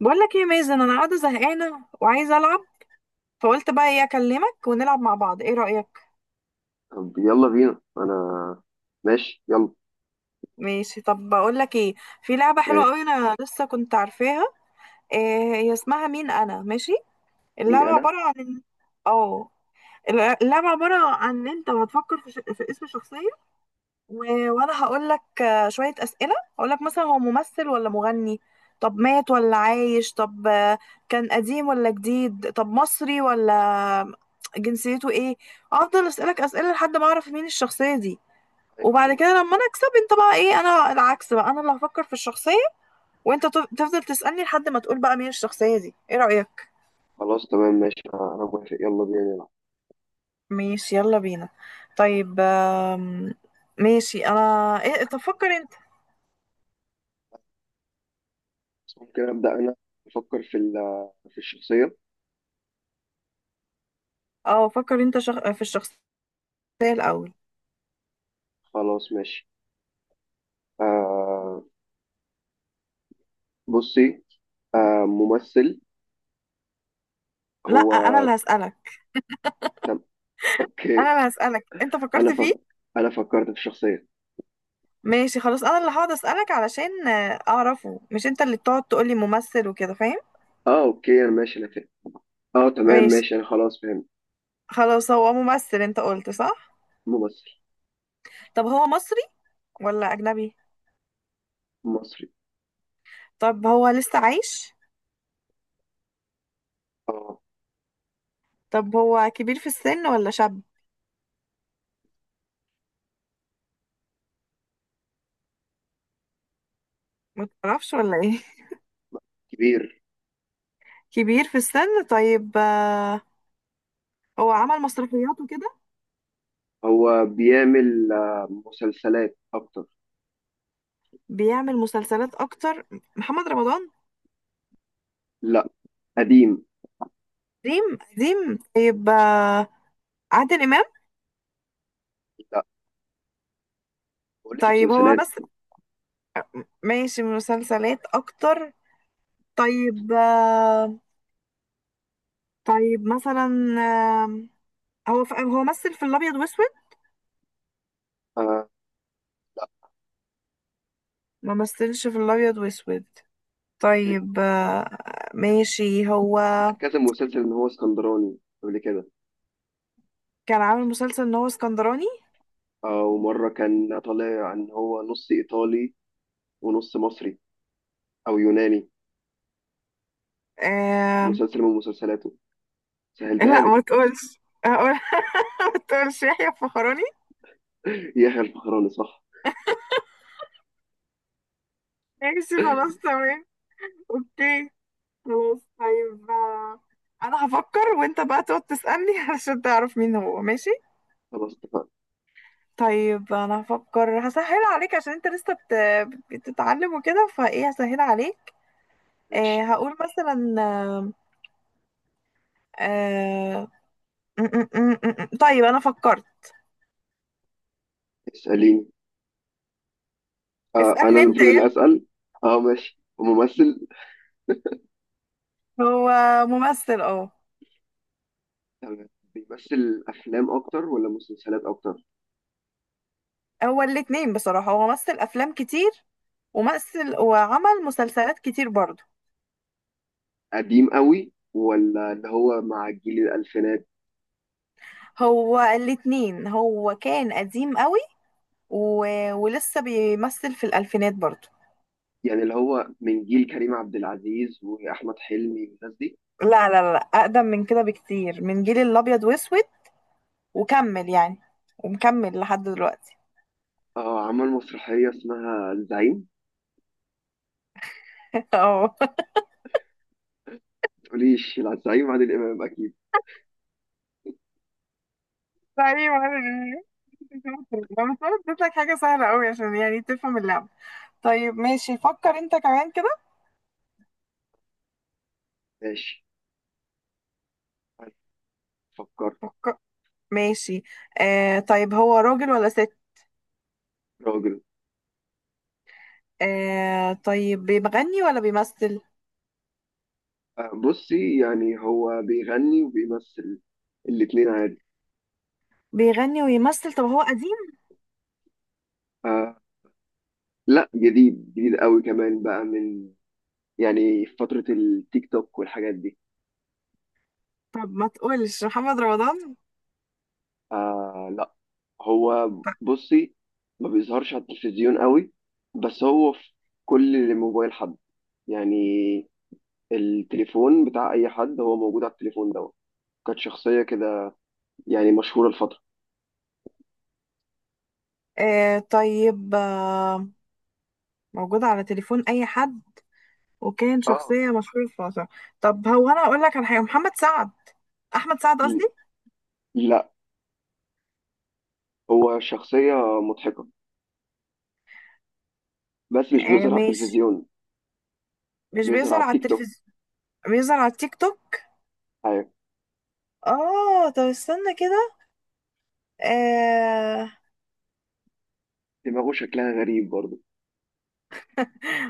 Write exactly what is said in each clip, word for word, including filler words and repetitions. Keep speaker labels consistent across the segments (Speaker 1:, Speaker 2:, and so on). Speaker 1: بقول لك ايه يا مازن، انا قاعده زهقانه وعايزه العب. فقلت بقى ايه اكلمك ونلعب مع بعض، ايه رايك؟
Speaker 2: طب يلا بينا. انا ماشي يلا.
Speaker 1: ماشي. طب بقول لك ايه، في لعبه حلوه
Speaker 2: إيه.
Speaker 1: قوي انا لسه كنت عارفاها. إيه هي اسمها؟ مين انا ماشي.
Speaker 2: مين
Speaker 1: اللعبه
Speaker 2: انا؟
Speaker 1: عباره عن إن- اه اللعبه عباره عن ان انت هتفكر في, ش... في اسم شخصيه، و- وانا هقول لك آه، شويه اسئله. هقول لك مثلا هو ممثل ولا مغني، طب مات ولا عايش، طب آه، كان قديم ولا جديد، طب مصري ولا جنسيته ايه. افضل اسالك اسئله لحد ما اعرف مين الشخصيه دي.
Speaker 2: أيوة،
Speaker 1: وبعد
Speaker 2: فهمت.
Speaker 1: كده لما انا اكسب انت بقى ايه، انا العكس بقى، انا اللي هفكر في الشخصيه وانت تف- تفضل تسالني لحد ما تقول بقى مين الشخصيه دي. ايه رايك؟
Speaker 2: خلاص تمام ماشي، انا أنا موافق، يلا بينا نلعب.
Speaker 1: ماشي يلا بينا. طيب آم، ماشي انا. إيه، طب فكر انت.
Speaker 2: بس ممكن ابدا انا؟ افكر في ال- في الشخصيه.
Speaker 1: اه فكر انت شخ... في الشخصيه الاول.
Speaker 2: خلاص ماشي. آه. بصي. آه، ممثل،
Speaker 1: لا
Speaker 2: هو؟
Speaker 1: انا اللي هسألك.
Speaker 2: طب اوكي.
Speaker 1: انا اللي هسألك انت فكرت
Speaker 2: انا فك...
Speaker 1: فيه.
Speaker 2: انا فكرت في الشخصيه.
Speaker 1: ماشي خلاص، انا اللي هقعد أسألك علشان آه، اعرفه، مش انت اللي تقعد تقولي ممثل وكده، فاهم؟
Speaker 2: اه اوكي، انا ماشي انا فاهم. اه تمام
Speaker 1: ماشي.
Speaker 2: ماشي، انا خلاص فهمت.
Speaker 1: خلاص، هو ممثل انت قلت، صح؟
Speaker 2: ممثل.
Speaker 1: طب هو مصري ولا اجنبي؟
Speaker 2: مصري.
Speaker 1: طب هو لسه عايش؟
Speaker 2: اه.
Speaker 1: طب هو كبير في السن ولا شاب؟ ما تعرفش ولا ايه؟
Speaker 2: كبير.
Speaker 1: كبير في السن. طيب آه، هو عمل مسرحيات وكده؟
Speaker 2: هو بيعمل آه مسلسلات اكتر.
Speaker 1: بيعمل مسلسلات اكتر. محمد رمضان؟
Speaker 2: لا، قديم.
Speaker 1: قديم قديم، طيب آه، عادل امام؟
Speaker 2: لا، بقول لك
Speaker 1: طيب هو
Speaker 2: مسلسلات.
Speaker 1: بس ماشي، مسلسلات اكتر. طيب آه، طيب مثلا، آه، هو ف- هو مثل في الابيض واسود؟
Speaker 2: آه. لا.
Speaker 1: ما مثلش في الابيض واسود.
Speaker 2: مم.
Speaker 1: طيب آه، ماشي. هو
Speaker 2: عمل كذا مسلسل ان هو اسكندراني قبل كده.
Speaker 1: كان عامل مسلسل ان هو اسكندراني.
Speaker 2: آه، ومره كان طالع ان هو نص ايطالي ونص مصري او يوناني.
Speaker 1: آه،
Speaker 2: مسلسل من مسلسلاته، سهلتها
Speaker 1: لا ما
Speaker 2: لك.
Speaker 1: تقولش. أقول ما تقولش يحيى الفخراني.
Speaker 2: يحيى الفخراني صح.
Speaker 1: ماشي خلاص تمام، اوكي. خلاص طيب آه، انا هفكر وانت بقى تقعد تسألني علشان تعرف مين هو، ماشي؟
Speaker 2: خلاص اتفقنا.
Speaker 1: طيب انا هفكر، هسهل عليك عشان انت لسه بت... بتتعلم وكده، فايه هسهل عليك. آه
Speaker 2: ماشي.
Speaker 1: هقول مثلا آه... آه، م- م- م- م- م. طيب انا فكرت.
Speaker 2: اسأليني. آه، أنا
Speaker 1: اسألني انت
Speaker 2: المفروض
Speaker 1: يا
Speaker 2: اللي
Speaker 1: ابني.
Speaker 2: أسأل. أه ماشي، وممثل.
Speaker 1: هو ممثل، اه.
Speaker 2: تمام. بيمثل أفلام أكتر ولا مسلسلات أكتر؟
Speaker 1: هو الاتنين بصراحة، هو مثل افلام كتير ومثل وعمل مسلسلات كتير برضه.
Speaker 2: قديم قوي ولا اللي هو مع الجيل الألفينات؟
Speaker 1: هو الاتنين، هو كان قديم قوي و... ولسه بيمثل في الالفينات برضه.
Speaker 2: يعني اللي هو من جيل كريم عبد العزيز واحمد حلمي والناس دي.
Speaker 1: لا لا لا لا، اقدم من كده بكتير، من جيل الابيض واسود وكمل يعني، ومكمل لحد دلوقتي.
Speaker 2: اه، عمل مسرحيه اسمها الزعيم.
Speaker 1: اه
Speaker 2: تقوليش لا، الزعيم عادل امام اكيد.
Speaker 1: لا ايه ولا انا، بس انا اديت لك حاجه سهله قوي عشان يعني تفهم اللعبه. طيب ماشي، فكر انت كمان كده.
Speaker 2: ماشي، فكر.
Speaker 1: فك- ماشي. آه طيب هو راجل ولا ست؟
Speaker 2: راجل.
Speaker 1: آه طيب بيغني ولا بيمثل؟
Speaker 2: آه بصي، يعني هو بيغني وبيمثل الاتنين عادي.
Speaker 1: بيغني ويمثل. طب هو قديم؟
Speaker 2: آه لا، جديد، جديد قوي كمان، بقى من، يعني في فتره التيك توك والحاجات دي.
Speaker 1: طب ما تقولش محمد رمضان.
Speaker 2: آه لا. هو
Speaker 1: طب
Speaker 2: بصي، ما بيظهرش على التلفزيون قوي، بس هو في كل موبايل حد، يعني التليفون بتاع اي حد هو موجود على التليفون دوت. كانت شخصيه كده يعني مشهوره الفتره.
Speaker 1: آه، طيب آه، موجود على تليفون اي حد، وكان
Speaker 2: اه.
Speaker 1: شخصية مشهورة في مصر. طب هو، انا اقول لك على حاجة، محمد سعد، احمد سعد قصدي.
Speaker 2: ل- لا، هو شخصيه مضحكه بس مش
Speaker 1: آه
Speaker 2: بيظهر على
Speaker 1: ماشي،
Speaker 2: التلفزيون.
Speaker 1: مش
Speaker 2: بيظهر
Speaker 1: بيظهر
Speaker 2: على
Speaker 1: على
Speaker 2: التيك توك.
Speaker 1: التلفزيون، بيظهر على التيك توك.
Speaker 2: ايوه.
Speaker 1: اه طب استنى كده. آه،
Speaker 2: دماغه شكلها غريب برضه.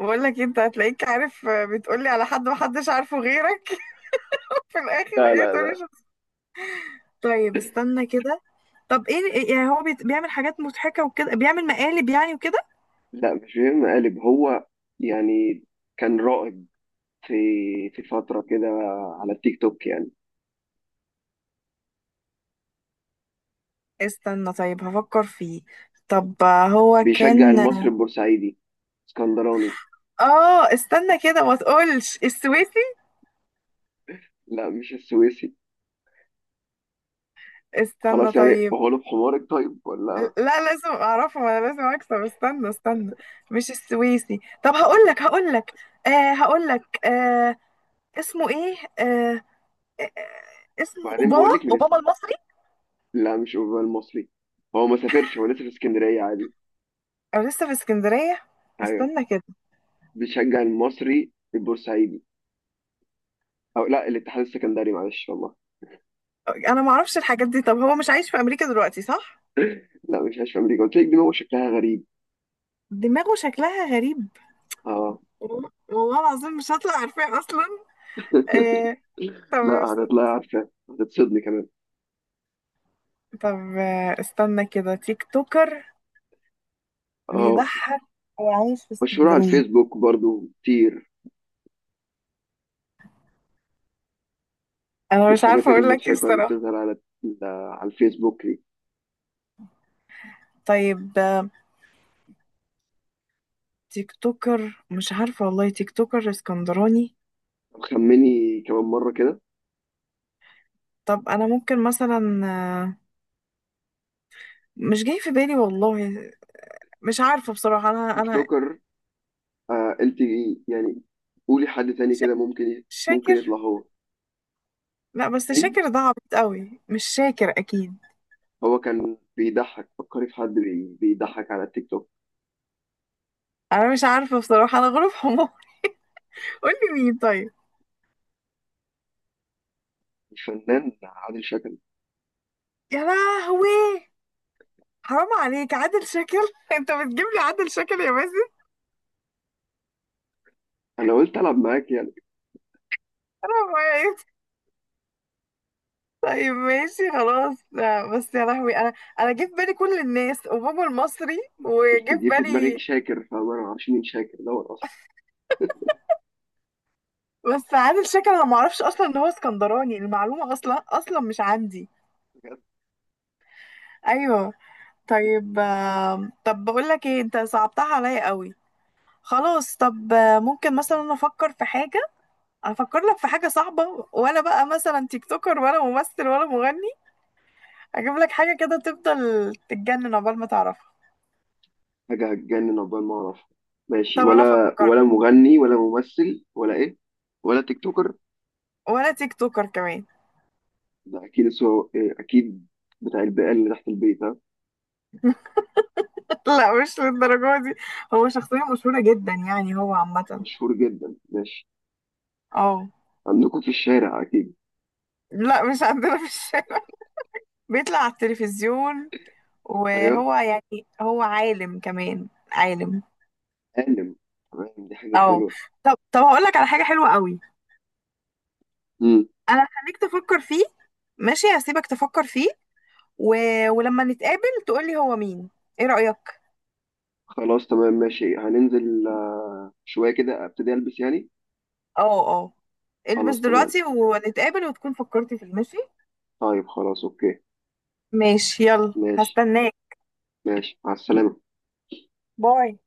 Speaker 1: بقول لك انت هتلاقيك عارف، آه، بتقولي على حد محدش عارفه غيرك في الاخر،
Speaker 2: لا
Speaker 1: ايه
Speaker 2: لا
Speaker 1: تقولي
Speaker 2: لا
Speaker 1: شخص. طيب استنى كده. طب ايه، إيه- يعني هو بيت- بيعمل حاجات مضحكة وكده، بيعمل مقالب يعني وكده؟
Speaker 2: لا مش بيهم قالب هو، يعني كان رائد في في فتره كده على التيك توك يعني.
Speaker 1: استنى طيب هفكر فيه. طب آه، هو
Speaker 2: بيشجع
Speaker 1: كان،
Speaker 2: المصري البورسعيدي، اسكندراني.
Speaker 1: اه استنى كده، ما تقولش السويسي.
Speaker 2: لا، مش السويسي.
Speaker 1: استنى
Speaker 2: خلاص يعني
Speaker 1: طيب.
Speaker 2: هو له في حمارك طيب ولا؟
Speaker 1: لا لازم اعرفه، ما انا لازم اكسب، استنى استنى. مش السويسي. طب هقول لك هقول لك آه، هقول لك آه، اسمه ايه. آه آه آه، اسمه
Speaker 2: بعدين
Speaker 1: اوباما،
Speaker 2: بقول لك من.
Speaker 1: اوباما المصري.
Speaker 2: لا، مش اوروبا المصري. هو ما سافرش، هو لسه في اسكندريه عادي.
Speaker 1: انا لسه في اسكندرية.
Speaker 2: ايوه.
Speaker 1: استنى كده.
Speaker 2: بيشجع المصري البورسعيدي او لا الاتحاد السكندري، معلش والله.
Speaker 1: انا ما اعرفش الحاجات دي. طب هو مش عايش في امريكا دلوقتي، صح؟
Speaker 2: لا مش عايش في امريكا، قلت لك دماغه شكلها غريب.
Speaker 1: دماغه شكلها غريب.
Speaker 2: اه.
Speaker 1: وال- والله العظيم مش هطلع عارفاه اصلا. آه طب.
Speaker 2: لا، هتطلعي عارفه، هتتصدمي كمان.
Speaker 1: طب آه استنى كده، تيك توكر،
Speaker 2: اه.
Speaker 1: بيضحك، وعايش في
Speaker 2: مشهور على
Speaker 1: اسكندرية.
Speaker 2: الفيسبوك برضو كتير،
Speaker 1: انا مش
Speaker 2: الحاجات
Speaker 1: عارفة اقول لك ايه
Speaker 2: المضحكه اللي
Speaker 1: الصراحة.
Speaker 2: بتظهر على على الفيسبوك دي.
Speaker 1: طيب آه، تيك توكر، مش عارفة والله. تيك توكر اسكندراني.
Speaker 2: طب خمني كمان مره كده.
Speaker 1: طب أنا ممكن مثلا، آه، مش جاي في بالي والله. مش عارفة بصراحة. أنا
Speaker 2: تيك
Speaker 1: أنا
Speaker 2: توكر. آه انت يعني قولي حد تاني كده،
Speaker 1: شا-
Speaker 2: ممكن ممكن
Speaker 1: شاكر.
Speaker 2: يطلع هو.
Speaker 1: لا بس
Speaker 2: مين؟
Speaker 1: شاكر ده عبيط قوي، مش شاكر أكيد.
Speaker 2: هو كان بيضحك، فكري في حد بي- بيضحك على التيك توك.
Speaker 1: أنا مش عارفة بصراحة، أنا غروب حمار. قولي مين طيب.
Speaker 2: الفنان عادل شكل.
Speaker 1: يا لهوي، حرام عليك، عادل شاكر؟ انت بتجيب لي عادل شاكر يا مازن!
Speaker 2: انا قلت العب معاك يعني.
Speaker 1: حرام عليك. طيب ماشي خلاص. لا، بس يا لهوي انا، انا جه في بالي كل الناس، وبابا المصري
Speaker 2: قلت
Speaker 1: وجه في
Speaker 2: جه في دماغك
Speaker 1: بالي.
Speaker 2: شاكر، فانا ما اعرفش مين شاكر دوت اصلا.
Speaker 1: بس عادل شكل انا ما اعرفش اصلا ان هو اسكندراني، المعلومه اصلا اصلا مش عندي.
Speaker 2: بجد.
Speaker 1: ايوه. طيب آم، طب بقول لك ايه، انت صعبتها عليا قوي. خلاص. طب آه، ممكن مثلا انا افكر في حاجه، افكر لك في حاجه صعبه، ولا بقى مثلا تيك توكر ولا ممثل ولا مغني؟ اجيب لك حاجه كده تفضل تتجنن عقبال ما تعرفها.
Speaker 2: حاجه هتجنن عقبال ما اعرف؟ ماشي،
Speaker 1: طب انا
Speaker 2: ولا
Speaker 1: فكرت.
Speaker 2: ولا مغني ولا ممثل ولا ايه؟ ولا تيك توكر.
Speaker 1: ولا تيك توكر كمان.
Speaker 2: ده اكيد سو... إيه، اكيد بتاع البقال اللي تحت البيت ها.
Speaker 1: لا مش للدرجة دي، هو شخصية مشهورة جدا يعني، هو عامة.
Speaker 2: مشهور جدا، ماشي.
Speaker 1: اه.
Speaker 2: عندكم في الشارع اكيد.
Speaker 1: لا مش عندنا في الشارع، بيطلع على التلفزيون.
Speaker 2: ايوه.
Speaker 1: وهو يعني هو عالم كمان، عالم.
Speaker 2: عالم. تمام، دي حاجه
Speaker 1: اه.
Speaker 2: حلوه.
Speaker 1: طب طب هقول لك على حاجة حلوة قوي.
Speaker 2: امم.
Speaker 1: انا هخليك تفكر فيه، ماشي؟ هسيبك تفكر فيه و... ولما نتقابل تقولي هو مين، ايه رأيك؟
Speaker 2: خلاص تمام ماشي، هننزل شوية كده، ابتدي البس يعني.
Speaker 1: اه اه. البس
Speaker 2: خلاص تمام.
Speaker 1: دلوقتي ونتقابل وتكون فكرتي فيه، ماشي؟
Speaker 2: طيب خلاص اوكي.
Speaker 1: ماشي يلا
Speaker 2: ماشي.
Speaker 1: هستناك.
Speaker 2: ماشي مع السلامة.
Speaker 1: باي.